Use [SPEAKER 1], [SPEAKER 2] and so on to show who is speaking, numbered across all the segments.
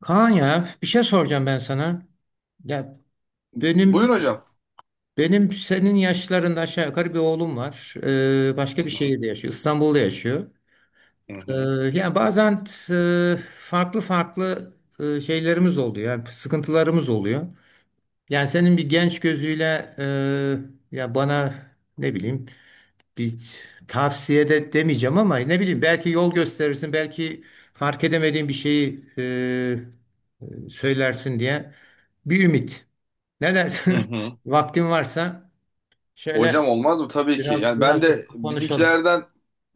[SPEAKER 1] Kaan ya bir şey soracağım ben sana. Ya
[SPEAKER 2] Buyurun
[SPEAKER 1] benim
[SPEAKER 2] hocam.
[SPEAKER 1] benim senin yaşlarında aşağı yukarı bir oğlum var.
[SPEAKER 2] Hı
[SPEAKER 1] Başka bir
[SPEAKER 2] hı,
[SPEAKER 1] şehirde yaşıyor. İstanbul'da yaşıyor.
[SPEAKER 2] hı
[SPEAKER 1] Ee,
[SPEAKER 2] hı,
[SPEAKER 1] Yani bazen farklı farklı şeylerimiz oluyor. Yani sıkıntılarımız oluyor. Yani senin bir genç gözüyle ya bana ne bileyim bir tavsiye de demeyeceğim ama ne bileyim belki yol gösterirsin belki fark edemediğin bir şeyi söylersin diye bir ümit. Ne
[SPEAKER 2] hı
[SPEAKER 1] dersin?
[SPEAKER 2] hı.
[SPEAKER 1] Vaktin varsa şöyle
[SPEAKER 2] Hocam, olmaz mı? Tabii ki.
[SPEAKER 1] biraz
[SPEAKER 2] Yani
[SPEAKER 1] biraz
[SPEAKER 2] ben de
[SPEAKER 1] konuşalım.
[SPEAKER 2] bizimkilerden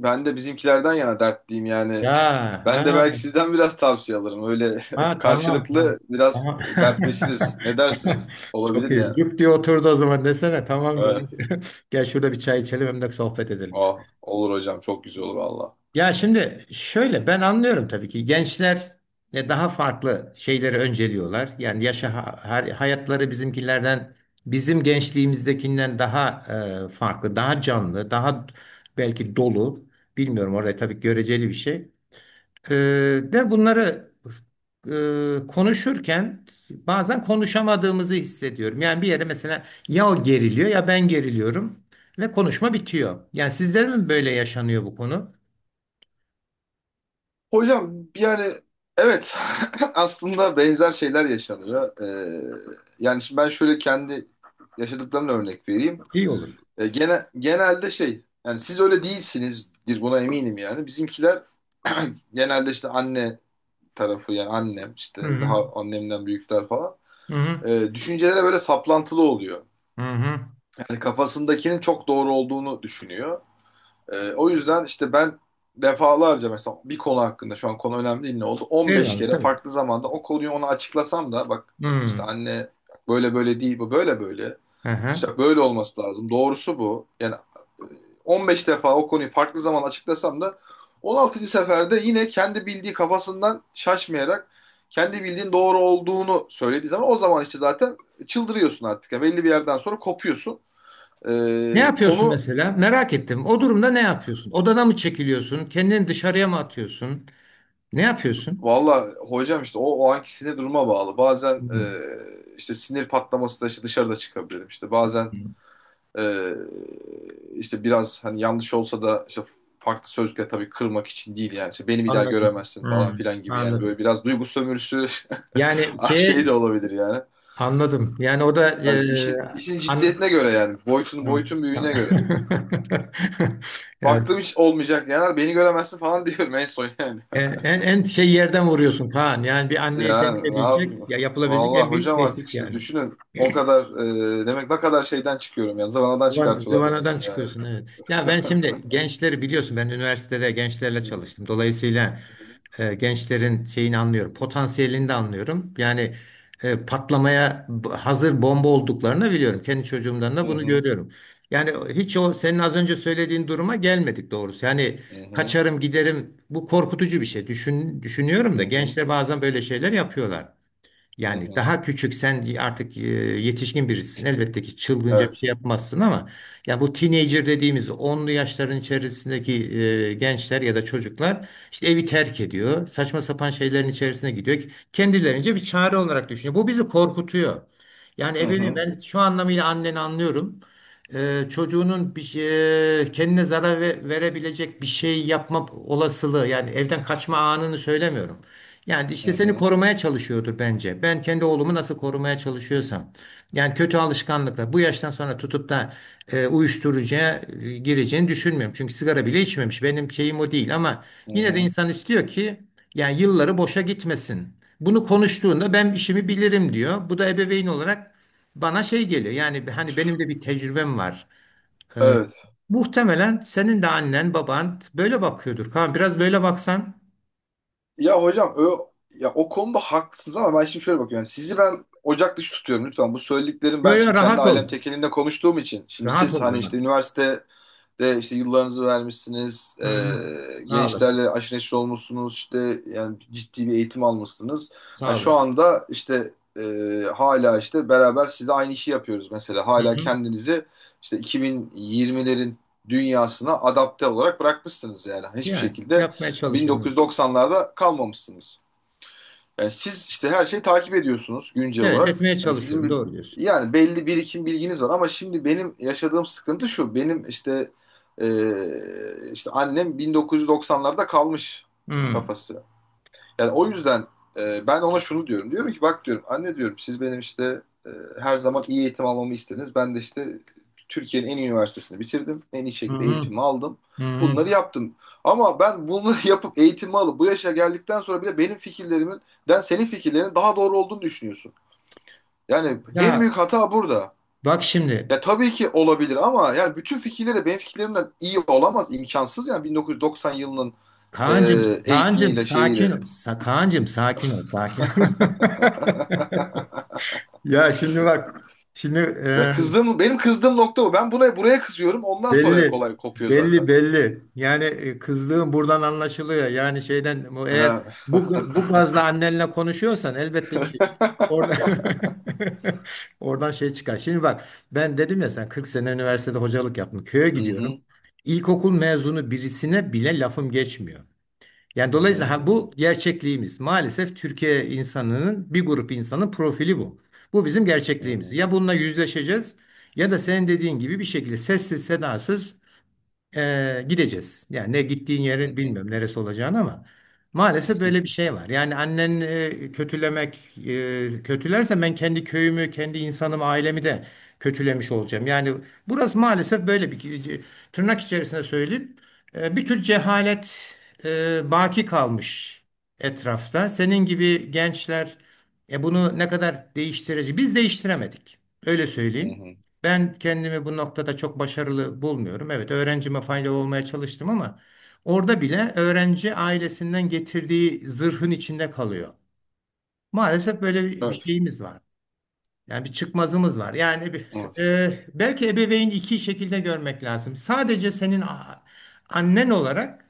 [SPEAKER 2] ben de bizimkilerden yana dertliyim yani.
[SPEAKER 1] Ya
[SPEAKER 2] Ben de
[SPEAKER 1] ha,
[SPEAKER 2] belki sizden biraz tavsiye alırım. Öyle,
[SPEAKER 1] ha tamam. Ha,
[SPEAKER 2] karşılıklı biraz
[SPEAKER 1] tamam.
[SPEAKER 2] dertleşiriz. Ne dersiniz?
[SPEAKER 1] Çok
[SPEAKER 2] Olabilir
[SPEAKER 1] iyi.
[SPEAKER 2] yani.
[SPEAKER 1] Cuk diye oturdu o zaman desene tamamdır.
[SPEAKER 2] Evet.
[SPEAKER 1] Gel şurada bir çay içelim hem de sohbet edelim.
[SPEAKER 2] Ah, olur hocam. Çok güzel olur valla.
[SPEAKER 1] Ya şimdi şöyle ben anlıyorum tabii ki gençler daha farklı şeyleri önceliyorlar. Yani hayatları bizim gençliğimizdekinden daha farklı, daha canlı, daha belki dolu. Bilmiyorum orada tabii göreceli bir şey. E, de bunları konuşurken bazen konuşamadığımızı hissediyorum. Yani bir yere mesela ya o geriliyor ya ben geriliyorum ve konuşma bitiyor. Yani sizler mi böyle yaşanıyor bu konu?
[SPEAKER 2] Hocam yani evet, aslında benzer şeyler yaşanıyor. Yani şimdi ben şöyle kendi yaşadıklarımla örnek vereyim.
[SPEAKER 1] İyi olur.
[SPEAKER 2] Genelde şey yani siz öyle değilsinizdir, buna eminim yani. Bizimkiler genelde işte anne tarafı yani annem
[SPEAKER 1] Hı
[SPEAKER 2] işte
[SPEAKER 1] hı.
[SPEAKER 2] daha annemden büyükler falan.
[SPEAKER 1] Hı hı.
[SPEAKER 2] Düşüncelere böyle saplantılı oluyor.
[SPEAKER 1] Hı hı.
[SPEAKER 2] Yani kafasındakinin çok doğru olduğunu düşünüyor. O yüzden işte ben defalarca mesela bir konu hakkında, şu an konu önemli değil, ne oldu? 15
[SPEAKER 1] Eyvallah
[SPEAKER 2] kere
[SPEAKER 1] tabii.
[SPEAKER 2] farklı zamanda o konuyu ona açıklasam da bak
[SPEAKER 1] Hı.
[SPEAKER 2] işte anne, böyle böyle değil, bu böyle böyle.
[SPEAKER 1] Aha.
[SPEAKER 2] İşte böyle olması lazım. Doğrusu bu. Yani e, 15 defa o konuyu farklı zaman açıklasam da 16. seferde yine kendi bildiği kafasından şaşmayarak kendi bildiğin doğru olduğunu söylediği zaman, o zaman işte zaten çıldırıyorsun artık. Yani belli bir yerden sonra kopuyorsun.
[SPEAKER 1] Ne yapıyorsun
[SPEAKER 2] Konu
[SPEAKER 1] mesela? Merak ettim. O durumda ne yapıyorsun? Odana mı çekiliyorsun? Kendini dışarıya mı atıyorsun? Ne yapıyorsun?
[SPEAKER 2] Valla hocam, işte o anki sinir duruma bağlı. Bazen
[SPEAKER 1] Hı hı.
[SPEAKER 2] işte sinir patlaması da işte dışarıda çıkabilirim. İşte bazen e, işte biraz hani yanlış olsa da işte farklı sözle tabii kırmak için değil yani. İşte beni bir daha
[SPEAKER 1] Anladım.
[SPEAKER 2] göremezsin
[SPEAKER 1] Hı.
[SPEAKER 2] falan filan gibi yani,
[SPEAKER 1] Anladım.
[SPEAKER 2] böyle biraz duygu sömürüsü
[SPEAKER 1] Yani
[SPEAKER 2] şey de
[SPEAKER 1] şey
[SPEAKER 2] olabilir yani.
[SPEAKER 1] anladım. Yani o da
[SPEAKER 2] Hani işin
[SPEAKER 1] an,
[SPEAKER 2] ciddiyetine göre yani boyutun
[SPEAKER 1] Hı.
[SPEAKER 2] boyutun
[SPEAKER 1] Tamam.
[SPEAKER 2] büyüğüne göre.
[SPEAKER 1] Yani
[SPEAKER 2] Baktım hiç olmayacak yani, beni göremezsin falan, diyorum en son yani.
[SPEAKER 1] en şey yerden vuruyorsun Kaan. Yani bir anneye
[SPEAKER 2] Yani ne
[SPEAKER 1] denilebilecek
[SPEAKER 2] yapayım?
[SPEAKER 1] ya yapılabilecek en
[SPEAKER 2] Vallahi
[SPEAKER 1] büyük
[SPEAKER 2] hocam, artık
[SPEAKER 1] tehdit
[SPEAKER 2] işte
[SPEAKER 1] yani.
[SPEAKER 2] düşünün o kadar demek ne kadar şeyden çıkıyorum yani, zıvanadan çıkartıyorlar demek
[SPEAKER 1] Zıvanadan
[SPEAKER 2] ki ya.
[SPEAKER 1] çıkıyorsun, evet. Ya ben şimdi gençleri biliyorsun ben üniversitede gençlerle
[SPEAKER 2] Hı.
[SPEAKER 1] çalıştım. Dolayısıyla gençlerin şeyini anlıyorum. Potansiyelini de anlıyorum. Yani patlamaya hazır bomba olduklarını biliyorum. Kendi çocuğumdan
[SPEAKER 2] Hı
[SPEAKER 1] da bunu
[SPEAKER 2] hı.
[SPEAKER 1] görüyorum. Yani hiç o senin az önce söylediğin duruma gelmedik doğrusu. Yani
[SPEAKER 2] Hı hı.
[SPEAKER 1] kaçarım giderim, bu korkutucu bir şey. Düşün,
[SPEAKER 2] Hı
[SPEAKER 1] düşünüyorum da
[SPEAKER 2] hı.
[SPEAKER 1] gençler bazen böyle şeyler yapıyorlar.
[SPEAKER 2] Hı
[SPEAKER 1] Yani
[SPEAKER 2] hı.
[SPEAKER 1] daha küçük, sen artık yetişkin birisin. Elbette ki çılgınca bir
[SPEAKER 2] Evet.
[SPEAKER 1] şey yapmazsın ama ya bu teenager dediğimiz onlu yaşların içerisindeki gençler ya da çocuklar işte evi terk ediyor. Saçma sapan şeylerin içerisine gidiyor. Kendilerince bir çare olarak düşünüyor. Bu bizi korkutuyor. Yani
[SPEAKER 2] Hı
[SPEAKER 1] ebeveyn,
[SPEAKER 2] hı.
[SPEAKER 1] ben şu anlamıyla anneni anlıyorum. Çocuğunun kendine zarar verebilecek bir şey yapma olasılığı, yani evden kaçma anını söylemiyorum. Yani
[SPEAKER 2] Hı
[SPEAKER 1] işte seni
[SPEAKER 2] hı.
[SPEAKER 1] korumaya çalışıyordur bence. Ben kendi oğlumu nasıl korumaya çalışıyorsam. Yani kötü alışkanlıklar. Bu yaştan sonra tutup da uyuşturucuya gireceğini düşünmüyorum. Çünkü sigara bile içmemiş. Benim şeyim o değil ama
[SPEAKER 2] Hı
[SPEAKER 1] yine de
[SPEAKER 2] hı.
[SPEAKER 1] insan istiyor ki yani yılları boşa gitmesin. Bunu konuştuğunda ben işimi bilirim diyor. Bu da ebeveyn olarak bana şey geliyor. Yani hani benim de bir tecrübem var. E,
[SPEAKER 2] Evet.
[SPEAKER 1] Muhtemelen senin de annen baban böyle bakıyordur. Kaan, biraz böyle baksan.
[SPEAKER 2] Ya hocam, ya o konuda haklısınız ama ben şimdi şöyle bakıyorum. Yani sizi ben ocak dışı tutuyorum lütfen. Bu söylediklerim
[SPEAKER 1] Yo
[SPEAKER 2] ben
[SPEAKER 1] yo,
[SPEAKER 2] şimdi kendi
[SPEAKER 1] rahat ol.
[SPEAKER 2] ailem tekelinde konuştuğum için. Şimdi
[SPEAKER 1] Rahat
[SPEAKER 2] siz
[SPEAKER 1] ol,
[SPEAKER 2] hani işte
[SPEAKER 1] rahat.
[SPEAKER 2] üniversite de işte yıllarınızı vermişsiniz,
[SPEAKER 1] Hı hı. Sağ olasın.
[SPEAKER 2] gençlerle aşırı neşir olmuşsunuz, işte yani ciddi bir eğitim almışsınız. Ha,
[SPEAKER 1] Sağ
[SPEAKER 2] şu
[SPEAKER 1] olasın.
[SPEAKER 2] anda işte e, hala işte beraber size aynı işi yapıyoruz mesela.
[SPEAKER 1] Hı
[SPEAKER 2] Hala
[SPEAKER 1] hı.
[SPEAKER 2] kendinizi işte 2020'lerin dünyasına adapte olarak bırakmışsınız yani. Hiçbir
[SPEAKER 1] Yani
[SPEAKER 2] şekilde
[SPEAKER 1] yapmaya çalışıyorum.
[SPEAKER 2] 1990'larda kalmamışsınız. Yani siz işte her şeyi takip ediyorsunuz güncel
[SPEAKER 1] Evet,
[SPEAKER 2] olarak.
[SPEAKER 1] etmeye
[SPEAKER 2] Hani sizin
[SPEAKER 1] çalışıyorum. Doğru diyorsun.
[SPEAKER 2] yani belli birikim bilginiz var ama şimdi benim yaşadığım sıkıntı şu. Benim işte e, işte annem 1990'larda kalmış
[SPEAKER 1] Hmm.
[SPEAKER 2] kafası. Yani o yüzden ben ona şunu diyorum. Diyorum ki bak diyorum anne, diyorum siz benim işte her zaman iyi eğitim almamı istediniz. Ben de işte Türkiye'nin en iyi üniversitesini bitirdim. En iyi
[SPEAKER 1] Hı
[SPEAKER 2] şekilde
[SPEAKER 1] hı.
[SPEAKER 2] eğitimimi aldım.
[SPEAKER 1] Hı hı.
[SPEAKER 2] Bunları yaptım. Ama ben bunları yapıp eğitimi alıp bu yaşa geldikten sonra bile benim fikirlerimden senin fikirlerinin daha doğru olduğunu düşünüyorsun. Yani en
[SPEAKER 1] Ya
[SPEAKER 2] büyük hata burada.
[SPEAKER 1] bak şimdi,
[SPEAKER 2] Ya tabii ki olabilir ama yani bütün fikirleri de benim fikirlerimden iyi olamaz, imkansız yani, 1990 yılının e,
[SPEAKER 1] Kaan'cığım, Kaan'cığım,
[SPEAKER 2] eğitimiyle
[SPEAKER 1] sakin
[SPEAKER 2] şeyiyle.
[SPEAKER 1] ol. Kaan'cığım, sakin ol, sakin. Ya şimdi bak, şimdi
[SPEAKER 2] Ve benim kızdığım nokta bu. Ben buraya kızıyorum. Ondan sonra
[SPEAKER 1] belli,
[SPEAKER 2] kolay kopuyor
[SPEAKER 1] belli,
[SPEAKER 2] zaten.
[SPEAKER 1] belli. Yani kızdığın buradan anlaşılıyor. Yani şeyden bu, eğer
[SPEAKER 2] Ha.
[SPEAKER 1] bu bu gazla annenle konuşuyorsan elbette ki orada oradan şey çıkar. Şimdi bak, ben dedim ya, sen 40 sene üniversitede hocalık yaptım. Köye
[SPEAKER 2] Hı
[SPEAKER 1] gidiyorum.
[SPEAKER 2] hı,
[SPEAKER 1] İlkokul mezunu birisine bile lafım geçmiyor. Yani
[SPEAKER 2] hı hı,
[SPEAKER 1] dolayısıyla,
[SPEAKER 2] hı
[SPEAKER 1] ha, bu
[SPEAKER 2] hı,
[SPEAKER 1] gerçekliğimiz. Maalesef Türkiye insanının, bir grup insanın profili bu. Bu bizim
[SPEAKER 2] hı
[SPEAKER 1] gerçekliğimiz.
[SPEAKER 2] hı,
[SPEAKER 1] Ya bununla yüzleşeceğiz ya da senin dediğin gibi bir şekilde sessiz sedasız gideceğiz. Yani ne gittiğin
[SPEAKER 2] hı
[SPEAKER 1] yeri
[SPEAKER 2] hı,
[SPEAKER 1] bilmiyorum, neresi olacağını, ama maalesef böyle bir şey var. Yani annen kötülerse ben kendi köyümü, kendi insanımı, ailemi de kötülemiş olacağım. Yani burası maalesef böyle bir, tırnak içerisinde söyleyeyim, bir tür cehalet baki kalmış etrafta. Senin gibi gençler bunu ne kadar değiştirici. Biz değiştiremedik. Öyle
[SPEAKER 2] hı
[SPEAKER 1] söyleyeyim.
[SPEAKER 2] hı.
[SPEAKER 1] Ben kendimi bu noktada çok başarılı bulmuyorum. Evet, öğrencime faydalı olmaya çalıştım ama orada bile öğrenci ailesinden getirdiği zırhın içinde kalıyor. Maalesef böyle bir
[SPEAKER 2] Evet,
[SPEAKER 1] şeyimiz var. Yani bir çıkmazımız var. Yani
[SPEAKER 2] evet.
[SPEAKER 1] belki ebeveyn iki şekilde görmek lazım. Sadece senin annen olarak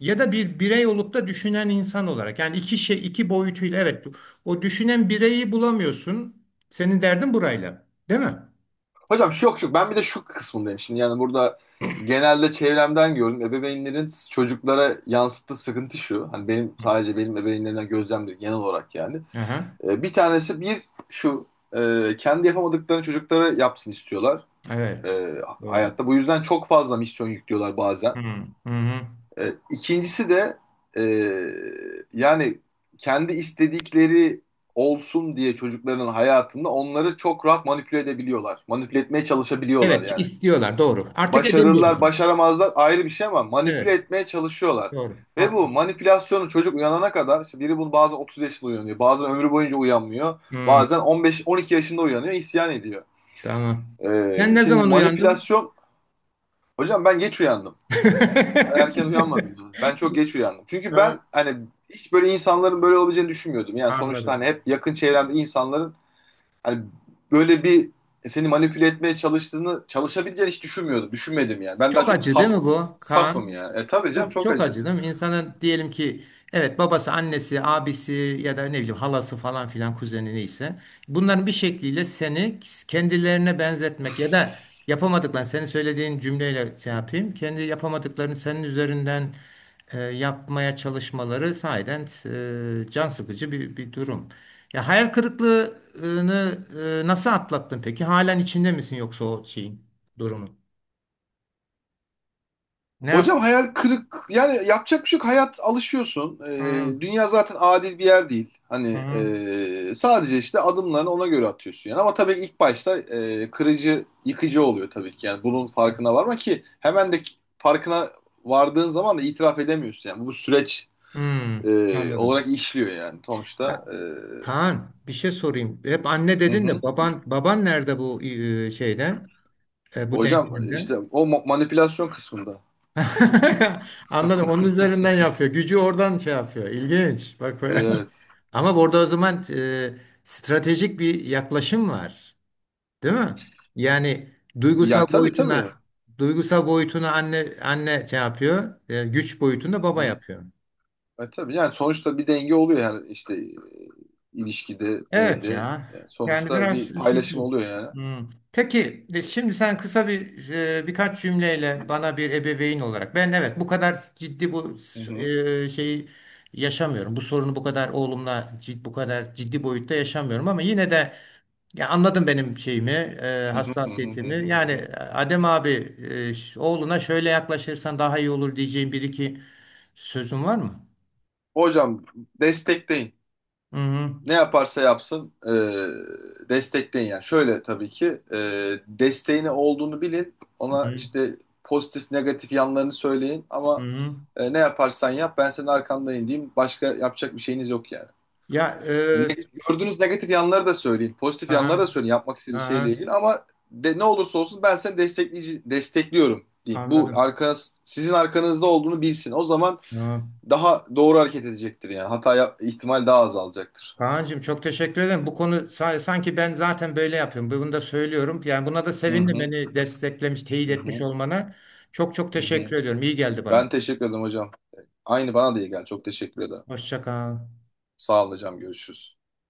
[SPEAKER 1] ya da bir birey olup da düşünen insan olarak. Yani iki şey, iki boyutuyla evet. O düşünen bireyi bulamıyorsun. Senin derdin burayla, değil mi?
[SPEAKER 2] Hocam, şu yok şu ben bir de şu kısmındayım şimdi. Yani burada genelde çevremden gördüm. Ebeveynlerin çocuklara yansıttığı sıkıntı şu. Hani sadece benim ebeveynlerimden gözlemliyorum genel olarak yani.
[SPEAKER 1] Aha.
[SPEAKER 2] Bir tanesi, şu e, kendi yapamadıklarını çocuklara yapsın istiyorlar,
[SPEAKER 1] Evet.
[SPEAKER 2] e,
[SPEAKER 1] Doğru.
[SPEAKER 2] hayatta. Bu yüzden çok fazla misyon yüklüyorlar
[SPEAKER 1] Hı
[SPEAKER 2] bazen.
[SPEAKER 1] hı. Hı.
[SPEAKER 2] İkincisi de e, yani kendi istedikleri olsun diye çocukların hayatında onları çok rahat manipüle edebiliyorlar. Manipüle etmeye çalışabiliyorlar
[SPEAKER 1] Evet,
[SPEAKER 2] yani.
[SPEAKER 1] istiyorlar. Doğru. Artık edemiyoruz.
[SPEAKER 2] Başarırlar, başaramazlar ayrı bir şey ama manipüle
[SPEAKER 1] Evet.
[SPEAKER 2] etmeye çalışıyorlar.
[SPEAKER 1] Doğru.
[SPEAKER 2] Ve bu
[SPEAKER 1] Haklısın.
[SPEAKER 2] manipülasyonu çocuk uyanana kadar işte, biri bunu bazen 30 yaşında uyanıyor, bazen ömrü boyunca uyanmıyor,
[SPEAKER 1] Hı,
[SPEAKER 2] bazen 15-12 yaşında uyanıyor, isyan ediyor.
[SPEAKER 1] tamam.
[SPEAKER 2] E,
[SPEAKER 1] Sen ne
[SPEAKER 2] şimdi
[SPEAKER 1] zaman uyandın?
[SPEAKER 2] manipülasyon, hocam ben geç uyandım. Erken uyanmadım ya. Ben çok geç uyandım. Çünkü
[SPEAKER 1] Evet,
[SPEAKER 2] ben hani hiç böyle insanların böyle olabileceğini düşünmüyordum. Yani sonuçta hani
[SPEAKER 1] anladım.
[SPEAKER 2] hep yakın çevremde insanların hani böyle bir seni manipüle etmeye çalıştığını, çalışabileceğini hiç düşünmüyordum. Düşünmedim yani. Ben daha
[SPEAKER 1] Çok
[SPEAKER 2] çok
[SPEAKER 1] acı değil mi bu
[SPEAKER 2] safım
[SPEAKER 1] Kaan?
[SPEAKER 2] yani. Tabii canım
[SPEAKER 1] Çok
[SPEAKER 2] çok
[SPEAKER 1] çok
[SPEAKER 2] acı.
[SPEAKER 1] acıdım. İnsanın, diyelim ki evet, babası, annesi, abisi ya da ne bileyim, halası, falan filan, kuzeni, neyse bunların bir şekliyle seni kendilerine benzetmek ya da yapamadıklarını, senin söylediğin cümleyle şey yapayım, kendi yapamadıklarını senin üzerinden yapmaya çalışmaları sahiden can sıkıcı bir durum. Ya hayal kırıklığını nasıl atlattın peki? Halen içinde misin yoksa o şeyin, durumun? Ne
[SPEAKER 2] Hocam,
[SPEAKER 1] yaptın?
[SPEAKER 2] hayal kırık yani, yapacak bir şey yok. Hayat, alışıyorsun.
[SPEAKER 1] Hı,
[SPEAKER 2] Dünya zaten adil bir yer değil. Hani
[SPEAKER 1] hı,
[SPEAKER 2] sadece işte adımlarını ona göre atıyorsun yani. Ama tabii ilk başta kırıcı, yıkıcı oluyor tabii ki. Yani bunun
[SPEAKER 1] hı.
[SPEAKER 2] farkına varma ki, hemen de farkına vardığın zaman da itiraf edemiyorsun yani. Bu süreç
[SPEAKER 1] Hmm,
[SPEAKER 2] olarak
[SPEAKER 1] anladım.
[SPEAKER 2] işliyor yani sonuçta.
[SPEAKER 1] Ya, Kaan, bir şey sorayım. Hep anne
[SPEAKER 2] Hı
[SPEAKER 1] dedin de
[SPEAKER 2] hı.
[SPEAKER 1] baban nerede bu şeyde? Bu
[SPEAKER 2] Hocam işte
[SPEAKER 1] denklemde?
[SPEAKER 2] o manipülasyon kısmında.
[SPEAKER 1] Anladım. Onun üzerinden yapıyor. Gücü oradan şey yapıyor. İlginç. Bak be.
[SPEAKER 2] Evet.
[SPEAKER 1] Ama burada o zaman stratejik bir yaklaşım var. Değil mi? Yani duygusal
[SPEAKER 2] Ya tabii tabii.
[SPEAKER 1] boyutuna duygusal boyutuna anne şey yapıyor. Güç boyutunda baba
[SPEAKER 2] Hı.
[SPEAKER 1] yapıyor.
[SPEAKER 2] Tabii yani sonuçta bir denge oluyor yani işte ilişkide,
[SPEAKER 1] Evet
[SPEAKER 2] evde.
[SPEAKER 1] ya.
[SPEAKER 2] Yani
[SPEAKER 1] Yani
[SPEAKER 2] sonuçta
[SPEAKER 1] biraz
[SPEAKER 2] bir paylaşım
[SPEAKER 1] üzücü.
[SPEAKER 2] oluyor yani.
[SPEAKER 1] Hmm. Peki şimdi sen kısa birkaç cümleyle bana bir ebeveyn olarak, ben, evet, bu kadar ciddi bu
[SPEAKER 2] Hı hı,
[SPEAKER 1] şeyi yaşamıyorum. Bu sorunu bu kadar oğlumla cid, bu kadar ciddi boyutta yaşamıyorum ama yine de ya anladın benim şeyimi,
[SPEAKER 2] hı hı, hı hı,
[SPEAKER 1] hassasiyetimi.
[SPEAKER 2] hı
[SPEAKER 1] Yani
[SPEAKER 2] hı.
[SPEAKER 1] Adem abi, oğluna şöyle yaklaşırsan daha iyi olur diyeceğim bir iki sözün var mı?
[SPEAKER 2] Hocam, destekleyin.
[SPEAKER 1] Hı hı.
[SPEAKER 2] Ne yaparsa yapsın destekleyin yani. Şöyle tabii ki e, desteğini olduğunu bilin.
[SPEAKER 1] Hı
[SPEAKER 2] Ona
[SPEAKER 1] hı.
[SPEAKER 2] işte pozitif negatif yanlarını söyleyin
[SPEAKER 1] Hı
[SPEAKER 2] ama
[SPEAKER 1] hı.
[SPEAKER 2] ne yaparsan yap ben senin arkandayım diyeyim. Başka yapacak bir şeyiniz yok yani.
[SPEAKER 1] Ya,
[SPEAKER 2] Ne, gördüğünüz negatif yanları da söyleyin. Pozitif
[SPEAKER 1] aha,
[SPEAKER 2] yanları da söyleyin yapmak istediği şeyle
[SPEAKER 1] aha.
[SPEAKER 2] ilgili ama ne olursa olsun ben seni destekliyorum deyin. Bu
[SPEAKER 1] Anladım.
[SPEAKER 2] sizin arkanızda olduğunu bilsin. O zaman
[SPEAKER 1] Tamam.
[SPEAKER 2] daha doğru hareket edecektir yani. Hata ihtimal daha azalacaktır.
[SPEAKER 1] Kaan'cığım, çok teşekkür ederim. Bu konu sanki ben zaten böyle yapıyorum. Bunu da söylüyorum. Yani buna da
[SPEAKER 2] Hı
[SPEAKER 1] sevindim,
[SPEAKER 2] hı,
[SPEAKER 1] beni desteklemiş, teyit
[SPEAKER 2] hı
[SPEAKER 1] etmiş
[SPEAKER 2] hı,
[SPEAKER 1] olmana. Çok çok
[SPEAKER 2] hı hı.
[SPEAKER 1] teşekkür ediyorum. İyi geldi
[SPEAKER 2] Ben
[SPEAKER 1] bana.
[SPEAKER 2] teşekkür ederim hocam. Aynı bana da iyi geldi. Çok teşekkür ederim.
[SPEAKER 1] Hoşça kal.
[SPEAKER 2] Sağ olun hocam. Görüşürüz.